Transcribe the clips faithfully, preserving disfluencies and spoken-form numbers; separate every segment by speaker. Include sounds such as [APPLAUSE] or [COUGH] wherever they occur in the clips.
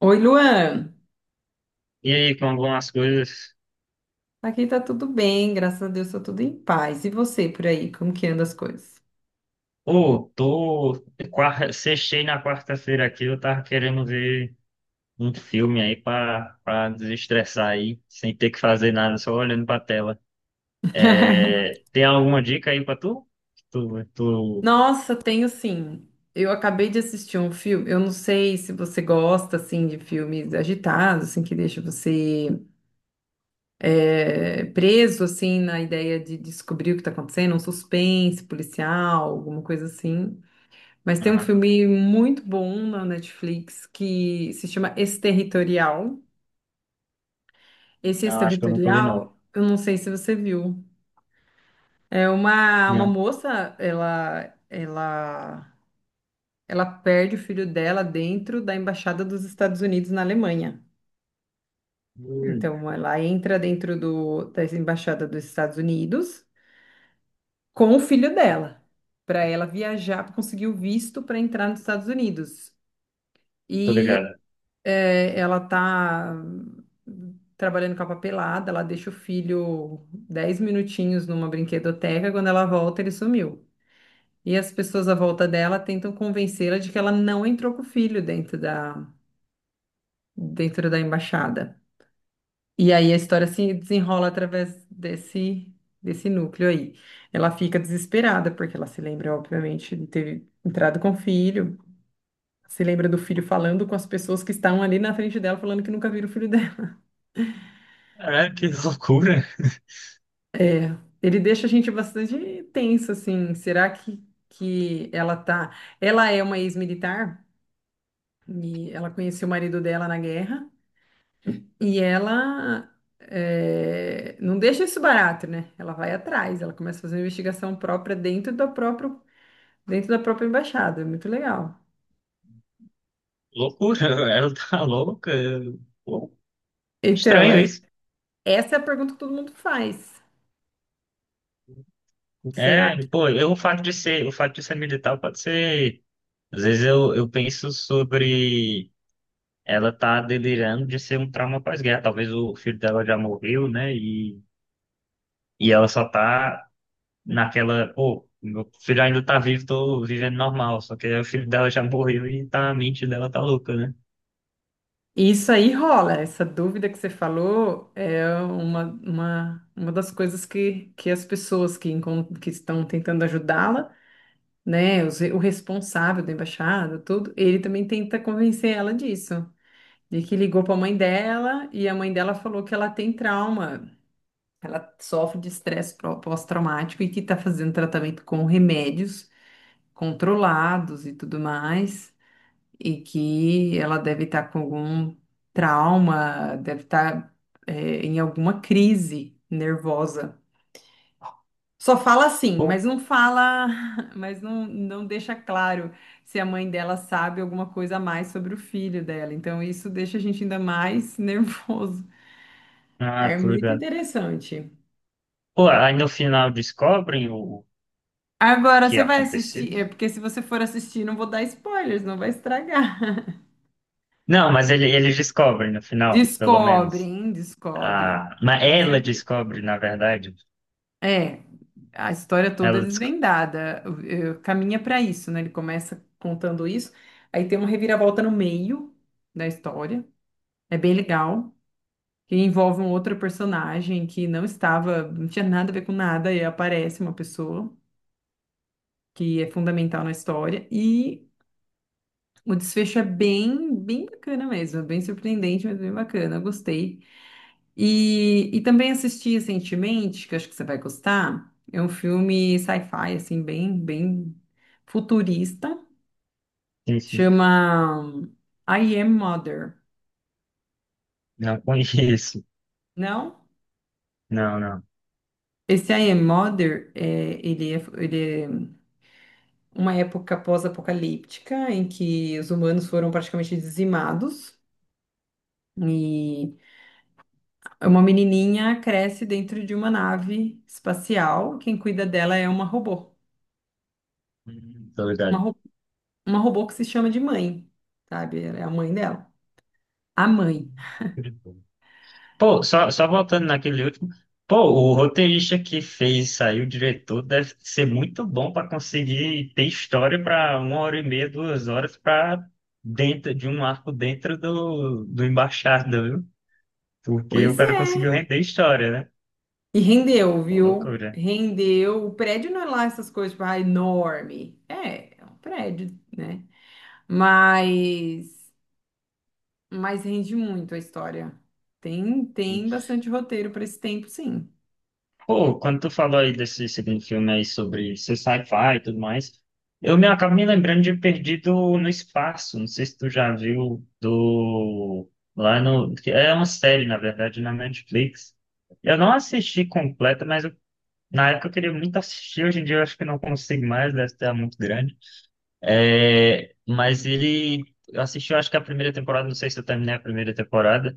Speaker 1: Oi, Luan.
Speaker 2: E aí, como vão as coisas?
Speaker 1: Aqui tá tudo bem, graças a Deus, tá tudo em paz. E você por aí, como que anda as coisas?
Speaker 2: Ô, tô. Quarta... Sextei na quarta-feira aqui, eu tava querendo ver um filme aí pra, pra desestressar aí, sem ter que fazer nada, só olhando pra tela.
Speaker 1: [LAUGHS]
Speaker 2: É... Tem alguma dica aí pra tu? Tu, tu...
Speaker 1: Nossa, tenho sim. Eu acabei de assistir um filme. Eu não sei se você gosta assim de filmes agitados, assim que deixa você é, preso assim na ideia de descobrir o que tá acontecendo, um suspense policial, alguma coisa assim. Mas tem um
Speaker 2: Ah,
Speaker 1: filme muito bom na Netflix que se chama Exterritorial. Esse
Speaker 2: não, acho que eu nunca vi, não.
Speaker 1: Exterritorial, eu não sei se você viu. É uma, uma
Speaker 2: Não.
Speaker 1: moça, ela, ela, ela perde o filho dela dentro da embaixada dos Estados Unidos na Alemanha.
Speaker 2: Hum,
Speaker 1: Então, ela entra dentro do, da embaixada dos Estados Unidos com o filho dela, para ela viajar, para conseguir o visto para entrar nos Estados Unidos.
Speaker 2: tô ligado.
Speaker 1: E é, ela tá trabalhando com a papelada, ela deixa o filho dez minutinhos numa brinquedoteca, quando ela volta, ele sumiu. E as pessoas à volta dela tentam convencê-la de que ela não entrou com o filho dentro da, dentro da embaixada. E aí a história se desenrola através desse, desse núcleo aí. Ela fica desesperada, porque ela se lembra, obviamente, de ter entrado com o filho. Se lembra do filho falando com as pessoas que estavam ali na frente dela, falando que nunca viram o filho dela.
Speaker 2: É, que [LAUGHS] loucura.
Speaker 1: [LAUGHS] Ele deixa a gente bastante tenso, assim. Será que, que ela tá. Ela é uma ex-militar e ela conheceu o marido dela na guerra. E ela eh, não deixa isso barato, né? Ela vai atrás, ela começa a fazer uma investigação própria dentro da própria, dentro da própria embaixada. É muito legal.
Speaker 2: Loucura, ela tá louca. Pô,
Speaker 1: Então,
Speaker 2: estranho
Speaker 1: é-
Speaker 2: isso.
Speaker 1: Essa é a pergunta que todo mundo faz. Será que
Speaker 2: É, pô, eu, o fato de ser, o fato de ser militar pode ser. Às vezes eu, eu penso sobre ela tá delirando de ser um trauma pós-guerra. Talvez o filho dela já morreu, né? E, e ela só tá naquela, pô, meu filho ainda tá vivo, tô vivendo normal. Só que aí o filho dela já morreu e tá, a mente dela tá louca, né?
Speaker 1: isso aí rola? Essa dúvida que você falou é uma, uma, uma das coisas que, que as pessoas que, encon- que estão tentando ajudá-la, né? os re- O responsável da embaixada, tudo, ele também tenta convencer ela disso. E que ligou para a mãe dela e a mãe dela falou que ela tem trauma, ela sofre de estresse pró- pós-traumático e que está fazendo tratamento com remédios controlados e tudo mais, e que ela deve estar com algum trauma, deve estar em alguma crise nervosa. Só fala assim, mas
Speaker 2: Pô,
Speaker 1: não fala, [LAUGHS] mas não, não deixa claro se a mãe dela sabe alguma coisa a mais sobre o filho dela. Então isso deixa a gente ainda mais [LAUGHS] nervoso.
Speaker 2: ah,
Speaker 1: É
Speaker 2: tô
Speaker 1: muito
Speaker 2: ligado.
Speaker 1: interessante.
Speaker 2: Pô, aí no final descobrem o
Speaker 1: Agora
Speaker 2: que
Speaker 1: você vai
Speaker 2: aconteceu.
Speaker 1: assistir, é porque se você for assistir, não vou dar spoilers, não vai estragar. [LAUGHS]
Speaker 2: Não, mas ele, eles descobrem no final, pelo menos.
Speaker 1: Descobrem, descobrem,
Speaker 2: Ah, mas
Speaker 1: com
Speaker 2: ela
Speaker 1: certeza.
Speaker 2: descobre, na verdade.
Speaker 1: É, a história toda é
Speaker 2: Ela descobre.
Speaker 1: desvendada, eh, caminha para isso, né? Ele começa contando isso, aí tem uma reviravolta no meio da história, é bem legal, que envolve um outro personagem que não estava, não tinha nada a ver com nada, e aparece uma pessoa que é fundamental na história, e o desfecho é bem, bem bacana mesmo, é bem surpreendente, mas bem bacana, eu gostei. E, e também assisti recentemente, que eu acho que você vai gostar, é um filme sci-fi, assim, bem, bem futurista,
Speaker 2: Enfim,
Speaker 1: chama I Am Mother,
Speaker 2: não conheço.
Speaker 1: não?
Speaker 2: Não, não.
Speaker 1: Esse I Am Mother, é, ele é, ele é uma época pós-apocalíptica em que os humanos foram praticamente dizimados, e uma menininha cresce dentro de uma nave espacial. Quem cuida dela é uma robô.
Speaker 2: Hum, tô
Speaker 1: Uma,
Speaker 2: ligado.
Speaker 1: ro- uma robô que se chama de mãe, sabe? É a mãe dela. A mãe.
Speaker 2: Pô, só, só voltando naquele último. Pô, o roteirista que fez sair o diretor deve ser muito bom para conseguir ter história para uma hora e meia, duas horas para dentro de um arco dentro do, do Embaixada, viu? Porque o
Speaker 1: Pois
Speaker 2: cara
Speaker 1: é.
Speaker 2: conseguiu render história, né?
Speaker 1: E rendeu,
Speaker 2: Pô,
Speaker 1: viu?
Speaker 2: loucura.
Speaker 1: Rendeu. O prédio não é lá essas coisas, tipo, ah, enorme. É, é um prédio, né? Mas, mas rende muito a história. Tem, tem bastante roteiro para esse tempo, sim.
Speaker 2: Pô, quando tu falou aí desse segundo filme aí sobre ser sci-fi e tudo mais, eu me acabo me lembrando de Perdido no Espaço. Não sei se tu já viu do lá no que é uma série na verdade na Netflix. Eu não assisti completa, mas eu- na época eu queria muito assistir. Hoje em dia eu acho que não consigo mais, deve estar muito grande. É, mas ele eu assisti, eu acho que a primeira temporada. Não sei se eu terminei a primeira temporada.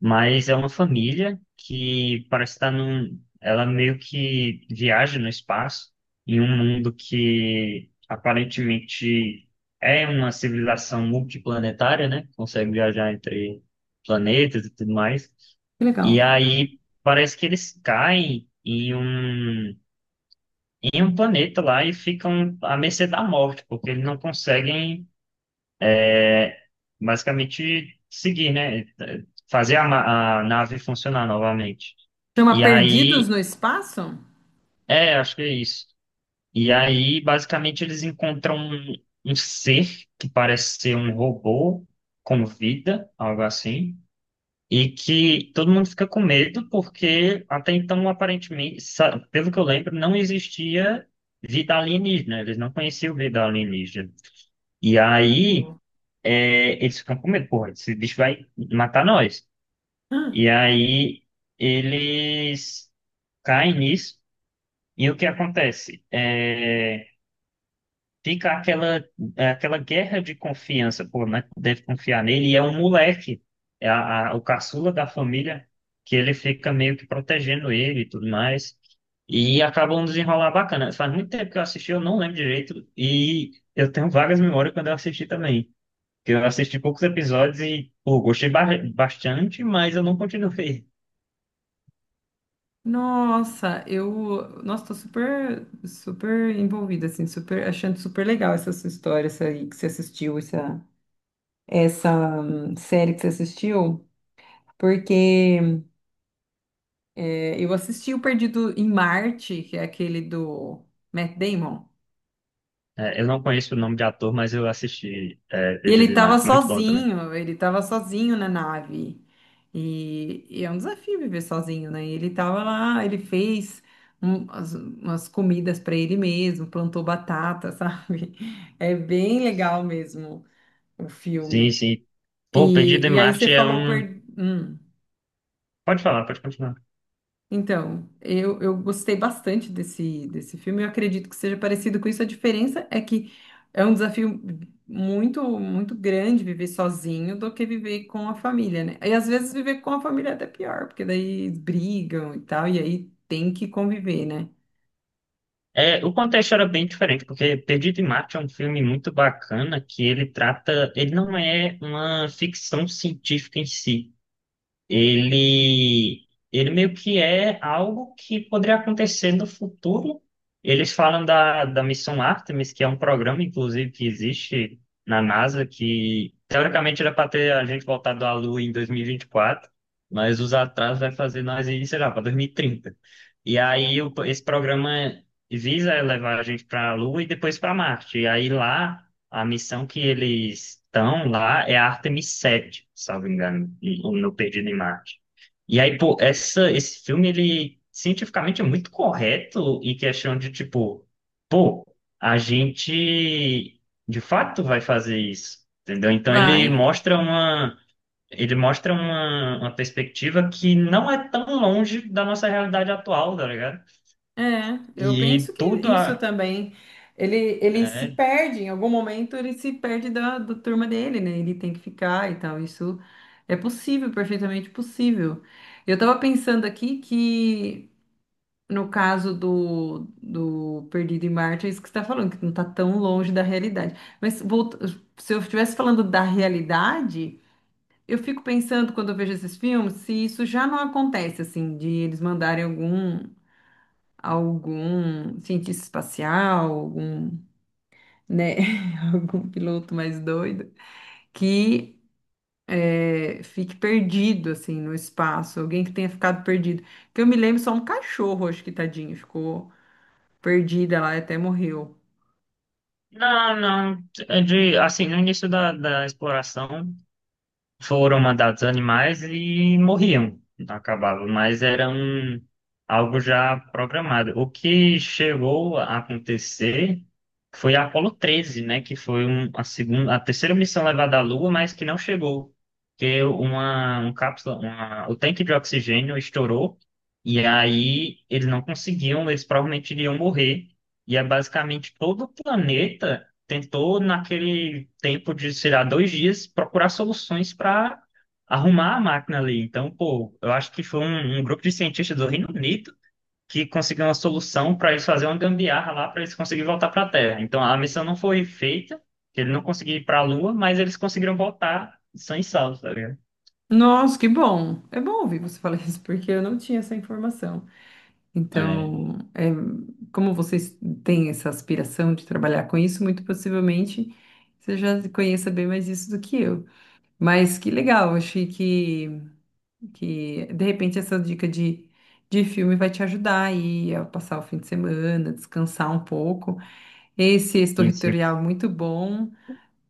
Speaker 2: Mas é uma família que parece estar num. Ela meio que viaja no espaço, em um mundo que aparentemente é uma civilização multiplanetária, né? Consegue viajar entre planetas e tudo mais.
Speaker 1: Que legal.
Speaker 2: E aí parece que eles caem em um, em um planeta lá e ficam à mercê da morte, porque eles não conseguem basicamente seguir, né? Fazer a, ma- a nave funcionar novamente.
Speaker 1: Chama
Speaker 2: E
Speaker 1: Perdidos no
Speaker 2: aí,
Speaker 1: Espaço?
Speaker 2: é, acho que é isso. E aí, basicamente, eles encontram um, um ser que parece ser um robô com vida, algo assim, e que todo mundo fica com medo porque até então, aparentemente, sa- pelo que eu lembro, não existia vida alienígena, eles não conheciam vida alienígena. E aí, é, eles ficam com medo, porra, esse bicho vai matar nós.
Speaker 1: Ah,
Speaker 2: E aí eles caem nisso, e o que acontece? É, fica aquela, aquela guerra de confiança, pô, né? Deve confiar nele, e é um moleque, é a- a- o caçula da família, que ele fica meio que protegendo ele e tudo mais. E acaba um desenrolar bacana. Faz muito tempo que eu assisti, eu não lembro direito, e eu tenho vagas memórias quando eu assisti também. Porque eu assisti poucos episódios e, pô, gostei ba- bastante, mas eu não continuei.
Speaker 1: nossa, eu, nossa, tô super, super envolvida, assim, super, achando super legal essa sua história, essa aí que você assistiu, essa, essa hum, série que você assistiu, porque é, eu assisti o Perdido em Marte, que é aquele do Matt Damon.
Speaker 2: É, eu não conheço o nome de ator, mas eu assisti é,
Speaker 1: E ele
Speaker 2: Perdido em
Speaker 1: estava
Speaker 2: Marte. Muito bom também.
Speaker 1: sozinho, ele estava sozinho na nave. E, e é um desafio viver sozinho, né? E ele estava lá, ele fez um- as- umas comidas para ele mesmo, plantou batata, [LAUGHS] sabe? É bem legal mesmo o
Speaker 2: Sim,
Speaker 1: filme.
Speaker 2: sim. Pô, Perdido
Speaker 1: E,
Speaker 2: em
Speaker 1: e aí você
Speaker 2: Marte é
Speaker 1: falou por...
Speaker 2: um.
Speaker 1: hum.
Speaker 2: Pode falar, pode continuar.
Speaker 1: Então, eu, eu gostei bastante desse, desse filme. Eu acredito que seja parecido com isso. A diferença é que é um desafio muito, muito grande viver sozinho do que viver com a família, né? E às vezes viver com a família é até pior, porque daí brigam e tal, e aí tem que conviver, né?
Speaker 2: É, o contexto era bem diferente, porque Perdido em Marte é um filme muito bacana que ele trata. Ele não é uma ficção científica em si. ele, ele meio que é algo que poderia acontecer no futuro. Eles falam da, da missão Artemis, que é um programa, inclusive, que existe na NASA, que teoricamente era para ter a gente voltado à Lua em dois mil e e vinte e quatro, mas os atrasos vai fazer nós ir, sei lá, para dois mil e trinta. E trinta. E aí o- esse programa visa levar a gente para a Lua e depois para Marte. E aí lá a missão que eles estão lá é a Artemis sete, salvo engano, e- no Perdido em Marte. E aí, pô, essa, esse filme, ele cientificamente é muito correto em questão de, tipo, pô, a gente de fato vai fazer isso, entendeu? Então
Speaker 1: Vai,
Speaker 2: ele mostra uma, ele mostra uma, uma perspectiva que não é tão longe da nossa realidade atual, tá ligado?
Speaker 1: é, eu penso
Speaker 2: E
Speaker 1: que
Speaker 2: tudo
Speaker 1: isso
Speaker 2: a,
Speaker 1: também. Ele, ele se
Speaker 2: é,
Speaker 1: perde, em algum momento ele se perde da, da turma dele, né? Ele tem que ficar e tal. Isso é possível, perfeitamente possível. Eu tava pensando aqui que, no caso do, do Perdido em Marte, é isso que você tá falando, que não tá tão longe da realidade. Mas volta- Se eu estivesse falando da realidade. Eu fico pensando, quando eu vejo esses filmes, se isso já não acontece, assim, de eles mandarem algum algum cientista espacial, algum, né, [LAUGHS] algum piloto mais doido, que é, fique perdido, assim, no espaço, alguém que tenha ficado perdido. Que eu me lembro só um cachorro, acho que tadinho, ficou perdida lá e até morreu.
Speaker 2: Não, não. É de, assim, no início da, da exploração foram mandados animais e morriam, acabavam, mas era um, algo já programado. O que chegou a acontecer foi a Apollo treze, né, que foi um- a segunda, a terceira missão levada à Lua, mas que não chegou, porque uma, um cápsula, uma, o tanque de oxigênio estourou e aí eles não conseguiam, eles provavelmente iriam morrer. E é basicamente todo o planeta tentou, naquele tempo de, sei lá, dois dias, procurar soluções para arrumar a máquina ali. Então, pô, eu acho que foi um, um grupo de cientistas do Reino Unido que conseguiu uma solução para eles fazer uma gambiarra lá, para eles conseguirem voltar para a Terra. Então, a missão não foi feita, eles não conseguiram ir para a Lua, mas eles conseguiram voltar são e salvo, tá ligado?
Speaker 1: Nossa, que bom! É bom ouvir você [LAUGHS] falar isso, porque eu não tinha essa informação.
Speaker 2: É,
Speaker 1: Então, é, como vocês têm essa aspiração de trabalhar com isso, muito possivelmente você já conheça bem mais isso do que eu. Mas que legal, achei que, que de repente essa dica de, de filme vai te ajudar aí a passar o fim de semana, descansar um pouco. Esse
Speaker 2: sim, sim,
Speaker 1: Exterritorial é muito bom.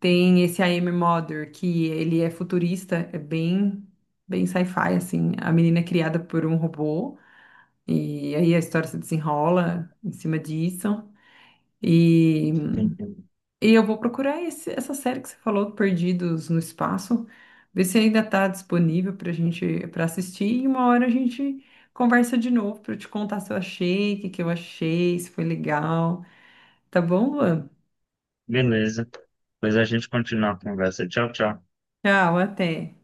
Speaker 1: Tem esse I Am Mother, que ele é futurista, é bem, bem sci-fi, assim. A menina é criada por um robô, e aí a história se desenrola em cima disso. E
Speaker 2: sim.
Speaker 1: e eu vou procurar esse- essa série que você falou, Perdidos no Espaço, ver se ainda está disponível para gente para assistir e uma hora a gente conversa de novo para eu te contar se eu achei, o que que eu achei, se foi legal. Tá bom, Luan?
Speaker 2: Beleza. Depois a gente continua a conversa. Tchau, tchau.
Speaker 1: Tchau, até.